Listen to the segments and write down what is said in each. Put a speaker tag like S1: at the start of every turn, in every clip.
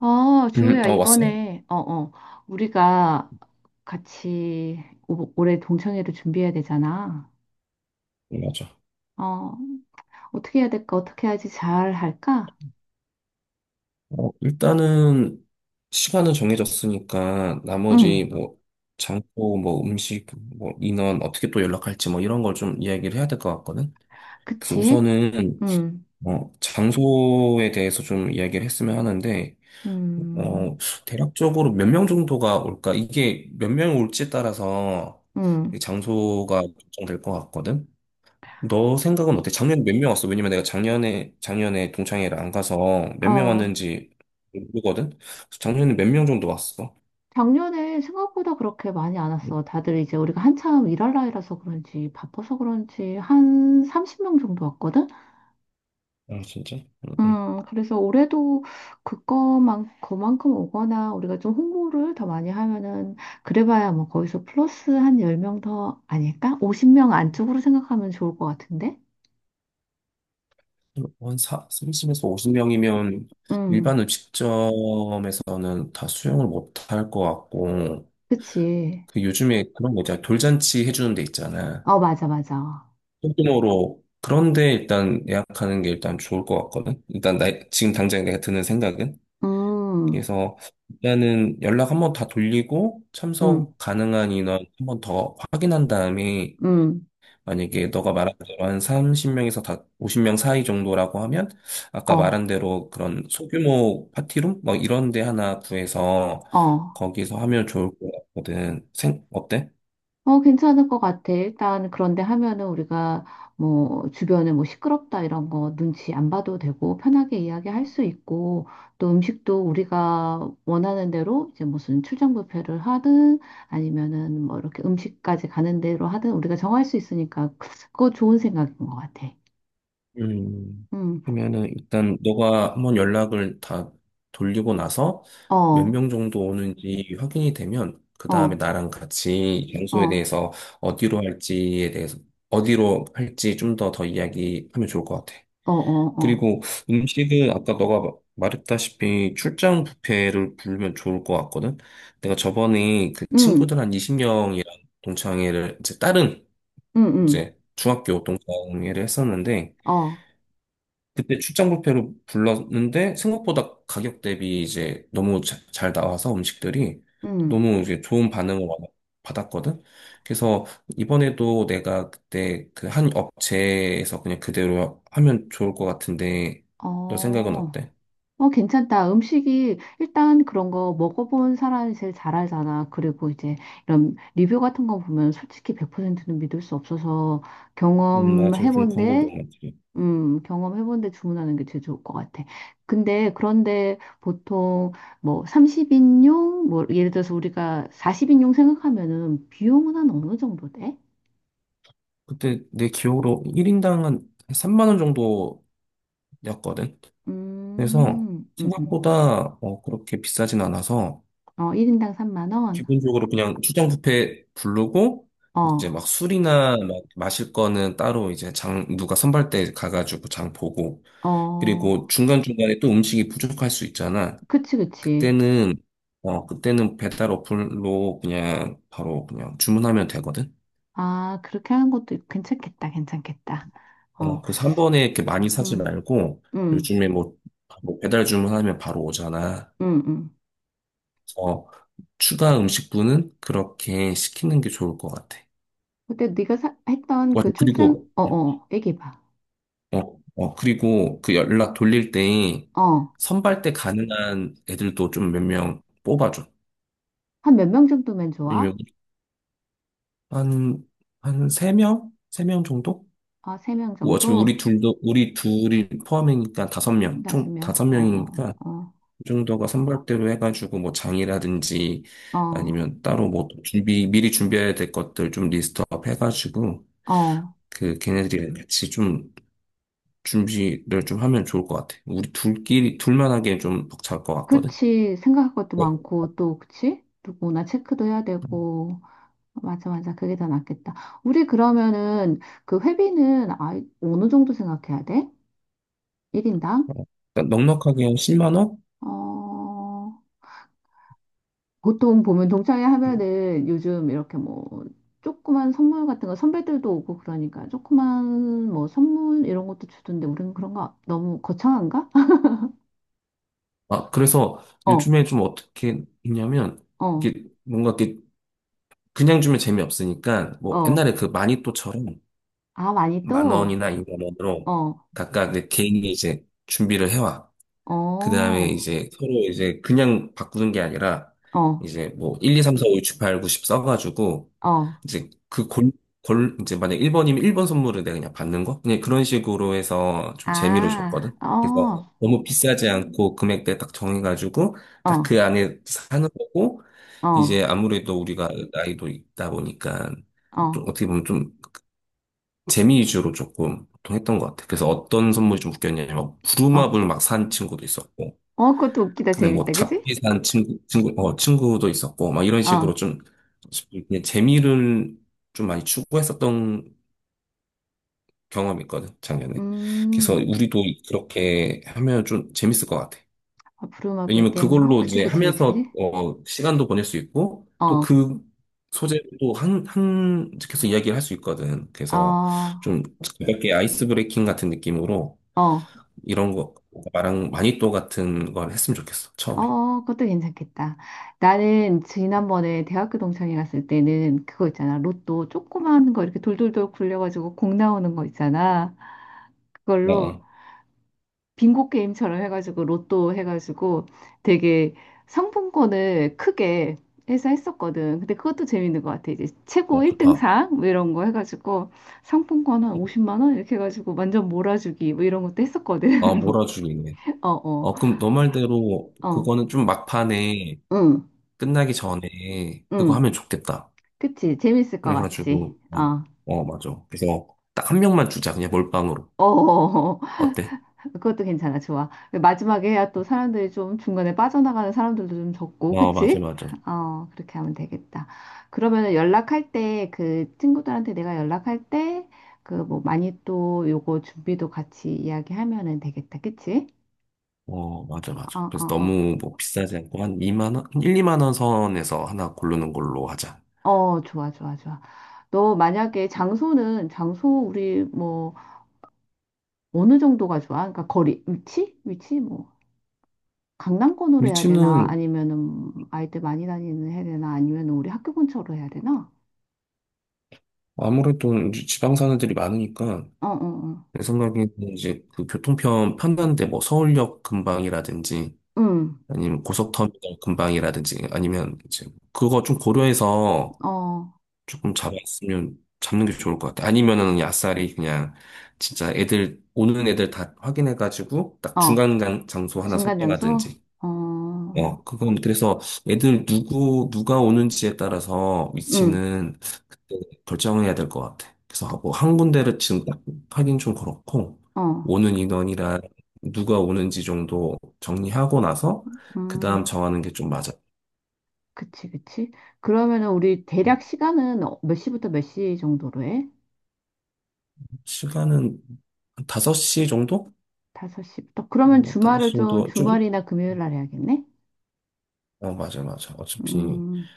S1: 아, 주호야,
S2: 왔어? 요
S1: 이번에, 우리가 같이 올해 동창회를 준비해야 되잖아.
S2: 맞아.
S1: 어, 어떻게 해야 될까? 어떻게 해야지 잘 할까?
S2: 일단은 시간은 정해졌으니까
S1: 응,
S2: 나머지 뭐 장소, 뭐 음식, 뭐 인원 어떻게 또 연락할지 뭐 이런 걸 좀 이야기를 해야 될 것 같거든. 그래서
S1: 그치?
S2: 우선은
S1: 응,
S2: 장소에 대해서 좀 이야기를 했으면 하는데
S1: 음,
S2: 어, 대략적으로 몇 명 정도가 올까? 이게 몇 명 올지에 따라서
S1: 응,
S2: 이 장소가 결정될 것 같거든. 너 생각은 어때? 작년에 몇 명 왔어? 왜냐면 내가 작년에 동창회를 안 가서 몇 명
S1: 어.
S2: 왔는지 모르거든? 그래서 작년에 몇 명 정도 왔어?
S1: 작년에 생각보다 그렇게 많이 안 왔어. 다들 이제 우리가 한참 일할 나이라서 그런지, 바빠서 그런지, 한 30명 정도 왔거든?
S2: 아, 진짜? 응, 응.
S1: 그래서 올해도 그만큼 오거나 우리가 좀 홍보를 더 많이 하면은, 그래봐야 뭐 거기서 플러스 한 10명 더 아닐까? 50명 안쪽으로 생각하면 좋을 것 같은데?
S2: 한 30에서 50명이면 일반
S1: 음,
S2: 음식점에서는 다 수용을 못할 것 같고,
S1: 그치.
S2: 그 요즘에 그런 거 있잖아. 돌잔치 해주는 데 있잖아.
S1: 어, 맞아, 맞아.
S2: 소규모로. 그런데 일단 예약하는 게 일단 좋을 것 같거든? 일단 나, 지금 당장 내가 드는 생각은?
S1: 음,
S2: 그래서 일단은 연락 한 번 다 돌리고
S1: 음,
S2: 참석 가능한 인원 한 번 더 확인한 다음에
S1: 음,
S2: 만약에 너가 말한 대로 한 30명에서 다 50명 사이 정도라고 하면 아까 말한
S1: 어,
S2: 대로 그런 소규모 파티룸 뭐 이런 데 하나 구해서
S1: 어.
S2: 거기서 하면 좋을 것 같거든. 생 어때?
S1: 어, 괜찮을 것 같아. 일단, 그런데 하면은 우리가 뭐, 주변에 뭐 시끄럽다 이런 거 눈치 안 봐도 되고, 편하게 이야기할 수 있고, 또 음식도 우리가 원하는 대로 이제 무슨 출장 뷔페를 하든, 아니면은 뭐 이렇게 음식까지 가는 대로 하든 우리가 정할 수 있으니까, 그거 좋은 생각인 것 같아.
S2: 음,
S1: 음,
S2: 그러면은 일단 너가 한번 연락을 다 돌리고 나서
S1: 어,
S2: 몇
S1: 어,
S2: 명 정도 오는지 확인이 되면 그 다음에 나랑 같이
S1: 어,
S2: 장소에
S1: 어,
S2: 대해서 어디로 할지에 대해서 어디로 할지 좀 더 이야기하면 좋을 것 같아.
S1: 어, 어,
S2: 그리고 음식은 아까 너가 말했다시피 출장 뷔페를 부르면 좋을 것 같거든. 내가 저번에 그 친구들
S1: 음,
S2: 한 20명이랑 동창회를 이제 다른
S1: 음, 음,
S2: 이제 중학교 동창회를 했었는데
S1: 어,
S2: 그때 출장 뷔페로 불렀는데 생각보다 가격 대비 이제 너무 잘 나와서 음식들이
S1: 음,
S2: 너무 이제 좋은 반응을 받았거든. 그래서 이번에도 내가 그때 그 한 업체에서 그냥 그대로 하면 좋을 것 같은데 너 생각은
S1: 어.
S2: 어때?
S1: 어, 괜찮다. 음식이 일단 그런 거 먹어본 사람이 제일 잘 알잖아. 그리고 이제 이런 리뷰 같은 거 보면 솔직히 100%는 믿을 수 없어서
S2: 맞아. 요즘 광고도
S1: 경험해본데,
S2: 많지.
S1: 경험해본데 주문하는 게 제일 좋을 것 같아. 근데 그런데 보통 뭐 30인용, 뭐 예를 들어서 우리가 40인용 생각하면은 비용은 한 어느 정도 돼?
S2: 그때 내 기억으로 1인당 한 3만 원 정도였거든. 그래서
S1: 음, 음, 음.
S2: 생각보다 그렇게 비싸진 않아서
S1: 어, 1인당 3만 원?
S2: 기본적으로 그냥 출장 뷔페 부르고
S1: 어,
S2: 이제 막 술이나 막 마실 거는 따로 이제 장 누가 선발 때 가가지고 장 보고
S1: 어,
S2: 그리고 중간중간에 또 음식이 부족할 수 있잖아.
S1: 그치, 그치.
S2: 그때는 그때는 배달 어플로 그냥 바로 그냥 주문하면 되거든.
S1: 아, 그렇게 하는 것도 괜찮겠다, 괜찮겠다. 어,
S2: 그래서 한 번에 이렇게 많이 사지
S1: 음,
S2: 말고
S1: 음,
S2: 요즘에 뭐, 뭐 배달 주문하면 바로 오잖아.
S1: 음, 음.
S2: 어 추가 음식분은 그렇게 시키는 게 좋을 것 같아.
S1: 근데 네가 했던
S2: 맞아.
S1: 그 출장,
S2: 그리고
S1: 얘기해봐.
S2: 그리고 그 연락 돌릴 때
S1: 어,
S2: 선발 때 가능한 애들도 좀 몇 명 뽑아줘.
S1: 한 몇 명 정도면 좋아?
S2: 왜냐면 한, 한 세명세 명세 명 정도?
S1: 아, 3명
S2: 뭐 어차피
S1: 정도?
S2: 우리 둘이 포함이니까 다섯 명
S1: 다섯
S2: 총
S1: 명?
S2: 다섯
S1: 어,
S2: 명이니까그
S1: 어,
S2: 정도가 선발대로 해가지고 뭐 장이라든지
S1: 어, 어,
S2: 아니면 따로 뭐 미리 준비해야 될 것들 좀 리스트업 해가지고
S1: 어.
S2: 그 걔네들이랑 같이 좀 준비를 좀 하면 좋을 것 같아. 둘만 하기엔 좀 벅찰 것 같거든.
S1: 그치. 생각할 것도
S2: 네.
S1: 많고, 또, 그치? 누구나 체크도 해야 되고. 맞아, 맞아. 그게 더 낫겠다. 우리 그러면은 그 회비는 아, 어느 정도 생각해야 돼? 1인당?
S2: 그러니까 넉넉하게 한 10만 원?
S1: 어, 보통 보면 동창회 하면은 요즘 이렇게 뭐 조그만 선물 같은 거 선배들도 오고 그러니까 조그만 뭐 선물 이런 것도 주던데 우리는 그런 거 너무 거창한가?
S2: 아, 그래서
S1: 어,
S2: 요즘에 좀 어떻게 있냐면,
S1: 어,
S2: 이게 뭔가 이렇게 그냥 주면 재미없으니까, 뭐 옛날에
S1: 어.
S2: 그 마니또처럼
S1: 아, 많이
S2: 만
S1: 또?
S2: 원이나 2만 원으로
S1: 어,
S2: 각각 내 개인이 이제 준비를 해와.
S1: 어,
S2: 그 다음에
S1: 어,
S2: 이제 서로 이제 그냥 바꾸는 게 아니라 이제 뭐 1, 2, 3, 4, 5, 6, 7, 8, 9, 10 써가지고
S1: 어.
S2: 이제 이제 만약 1번이면 1번 선물을 내가 그냥 받는 거? 그냥 그런 식으로 해서 좀 재미로
S1: 아,
S2: 줬거든. 그래서
S1: 어,
S2: 너무 비싸지 않고 금액대 딱 정해가지고
S1: 어,
S2: 딱 그 안에 사는 거고 이제
S1: 어,
S2: 아무래도 우리가 나이도 있다 보니까
S1: 어,
S2: 좀 어떻게 보면 좀 재미 위주로 조금 보통 했던 것 같아. 그래서 어떤 선물이 좀 웃겼냐면 막
S1: 어.
S2: 부루마블 막 산 친구도 있었고
S1: 어, 그것도 웃기다.
S2: 근데 뭐
S1: 재밌다. 그지?
S2: 잡지산 친구도 있었고, 막 이런
S1: 어.
S2: 식으로 좀, 그냥 재미를 좀 많이 추구했었던 경험이 있거든, 작년에. 그래서
S1: 음.
S2: 우리도 그렇게 하면 좀 재밌을 것 같아.
S1: 아, 부루마블
S2: 왜냐면
S1: 게임이나?
S2: 그걸로
S1: 그치,
S2: 이제
S1: 그치, 그치, 그치?
S2: 하면서, 시간도 보낼 수 있고, 또
S1: 어,
S2: 그 소재도 계속 이야기를 할 수 있거든. 그래서
S1: 어,
S2: 좀 가볍게 아이스 브레이킹 같은 느낌으로
S1: 어,
S2: 이런 거, 나랑 마니또 같은 걸 했으면 좋겠어, 처음에.
S1: 어, 그것도 괜찮겠다. 나는 지난번에 대학교 동창회 갔을 때는 그거 있잖아. 로또 조그만 거 이렇게 돌돌돌 굴려가지고 공 나오는 거 있잖아.
S2: 어,
S1: 그걸로
S2: 어,
S1: 빙고 게임처럼 해가지고 로또 해가지고 되게 상품권을 크게 해서 했었거든. 근데 그것도 재밌는 것 같아. 이제 최고
S2: 좋다.
S1: 1등상 뭐 이런 거 해가지고 상품권 한 50만 원 이렇게 해가지고 완전 몰아주기 뭐 이런 것도 했었거든.
S2: 아, 몰아주기네.
S1: 어, 어,
S2: 그럼 너 말대로
S1: 어,
S2: 그거는 좀 막판에
S1: 응,
S2: 끝나기 전에 그거
S1: 응.
S2: 하면 좋겠다.
S1: 그치? 재밌을 것 같지?
S2: 그래가지고,
S1: 어.
S2: 맞아. 그래서 딱 한 명만 주자. 그냥 몰빵으로.
S1: 어,
S2: 어때?
S1: 그것도 괜찮아. 좋아. 마지막에 해야 또 사람들이 좀 중간에 빠져나가는 사람들도 좀 적고,
S2: 어, 맞아,
S1: 그치?
S2: 맞아.
S1: 어, 그렇게 하면 되겠다. 그러면 그 친구들한테 내가 연락할 때, 그 뭐 많이 또 요거 준비도 같이 이야기하면은 되겠다. 그치?
S2: 어, 맞아,
S1: 어,
S2: 맞아. 그래서
S1: 어, 어.
S2: 너무 뭐 비싸지 않고 1, 2만 원 선에서 하나 고르는 걸로 하자.
S1: 어, 좋아, 좋아, 좋아. 너 만약에 장소 우리 뭐 어느 정도가 좋아? 그러니까 거리, 위치? 위치? 뭐. 강남권으로 해야 되나?
S2: 위치는
S1: 아니면은 아이들 많이 다니는 해야 되나? 아니면은 우리 학교 근처로 해야 되나?
S2: 아무래도 이제 지방 사는 들이 많으니까
S1: 어, 어, 어.
S2: 내 생각에는 이제 그 교통편 편한데 뭐 서울역 근방이라든지
S1: 음,
S2: 아니면 고속터미널 근방이라든지 아니면 이제 그거 좀 고려해서
S1: 어,
S2: 조금 잡았으면 잡는 게 좋을 것 같아. 아니면은 그냥 아싸리 그냥 진짜 애들 오는 애들 다 확인해가지고 딱
S1: 어.
S2: 중간 간 장소 하나
S1: 중간 장소?
S2: 선정하든지
S1: 어,
S2: 그건 그래서 애들 누가 오는지에 따라서
S1: 음,
S2: 위치는 그때 결정해야 될 것 같아. 그래서 뭐한 군데를 지금 딱 하긴 좀 그렇고,
S1: 어,
S2: 오는 인원이랑 누가 오는지 정도 정리하고 나서, 그 다음
S1: 음.
S2: 정하는 게 좀 맞아.
S1: 그치, 그치. 그러면은 우리
S2: 음,
S1: 대략 시간은 몇 시부터 몇 시 정도로 해?
S2: 시간은 한 5시 정도?
S1: 5시부터. 그러면
S2: 뭐
S1: 주말을
S2: 5시
S1: 좀
S2: 정도 좀?
S1: 주말이나 금요일 날 해야겠네?
S2: 어, 맞아, 맞아. 어차피.
S1: 음,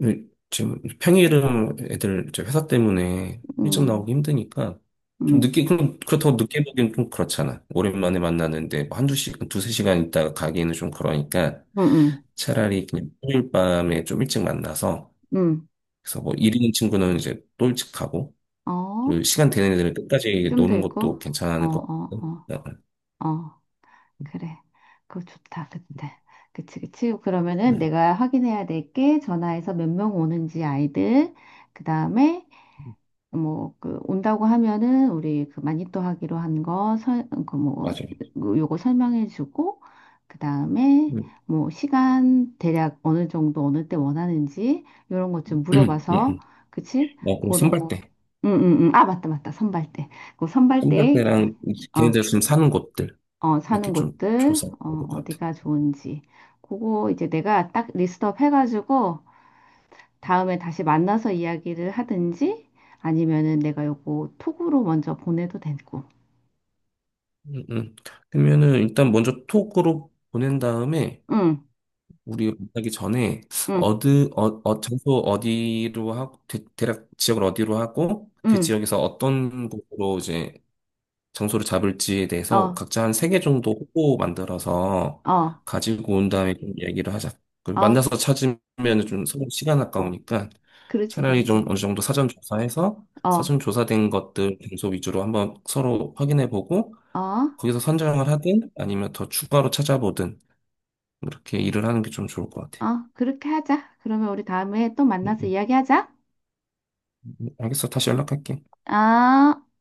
S2: 그, 지금 평일은 애들 저 회사 때문에 일찍
S1: 음,
S2: 나오기 힘드니까 좀
S1: 음,
S2: 늦게 그럼 그렇다고 늦게 보기엔 좀 그렇잖아. 오랜만에 만나는데 뭐 한두 시간, 두세 시간 있다가 가기에는 좀 그러니까
S1: 음, 음,
S2: 차라리 그냥 평일 밤에 좀 일찍 만나서
S1: 음.
S2: 그래서 뭐 일 있는 친구는 이제 또 일찍 가고
S1: 어,
S2: 그리고 시간 되는 애들은 끝까지
S1: 좀 더
S2: 노는
S1: 있고?
S2: 것도
S1: 어,
S2: 괜찮은 것
S1: 어,
S2: 같거든.
S1: 어, 어. 그래. 그거 좋다. 그때. 그치, 그치. 그러면은
S2: 음,
S1: 내가 확인해야 될 게 전화해서 몇 명 오는지 아이들, 그 다음에 뭐, 그, 온다고 하면은 우리 그 마니또 하기로 한 거, 그 뭐,
S2: 맞아요.
S1: 그 요거 설명해 주고, 그 다음에
S2: 음.
S1: 뭐, 시간, 대략 어느 정도, 어느 때 원하는지, 요런 것 좀 물어봐서,
S2: 음.
S1: 그치?
S2: 어, 그리고
S1: 그런 거.
S2: 선발대.
S1: 응, 응, 응. 아, 맞다, 맞다. 선발 때. 그 선발 때,
S2: 깜발배랑
S1: 어,
S2: 걔네들 좀 사는 곳들
S1: 사는
S2: 이렇게 좀
S1: 곳들,
S2: 조사해야 것 같아.
S1: 어디가 좋은지. 그거 이제 내가 딱 리스트업 해가지고 다음에 다시 만나서 이야기를 하든지 아니면은 내가 요거 톡으로 먼저 보내도 되고.
S2: 음, 음. 그러면은 일단 먼저 톡으로 보낸 다음에
S1: 응,
S2: 우리 만나기 전에
S1: 응,
S2: 어디 어, 어 장소 어디로 하고 략 지역을 어디로 하고 그
S1: 응.
S2: 지역에서 어떤 곳으로 이제 장소를 잡을지에 대해서
S1: 어,
S2: 각자 한 세 개 정도 후보 만들어서
S1: 어,
S2: 가지고 온 다음에 좀 얘기를 하자. 그
S1: 어,
S2: 만나서 찾으면 좀 서로 시간 아까우니까
S1: 그렇지,
S2: 차라리
S1: 그렇지.
S2: 좀 어느 정도 사전 조사해서
S1: 어,
S2: 사전 조사된 것들 장소 위주로 한번 서로 확인해 보고
S1: 어,
S2: 거기서 선정을 하든 아니면 더 추가로 찾아보든 이렇게 일을 하는 게 좀 좋을 것 같아.
S1: 어, 그렇게 하자. 그러면 우리 다음에 또 만나서
S2: 음,
S1: 이야기하자.
S2: 알겠어. 다시 연락할게.
S1: 아.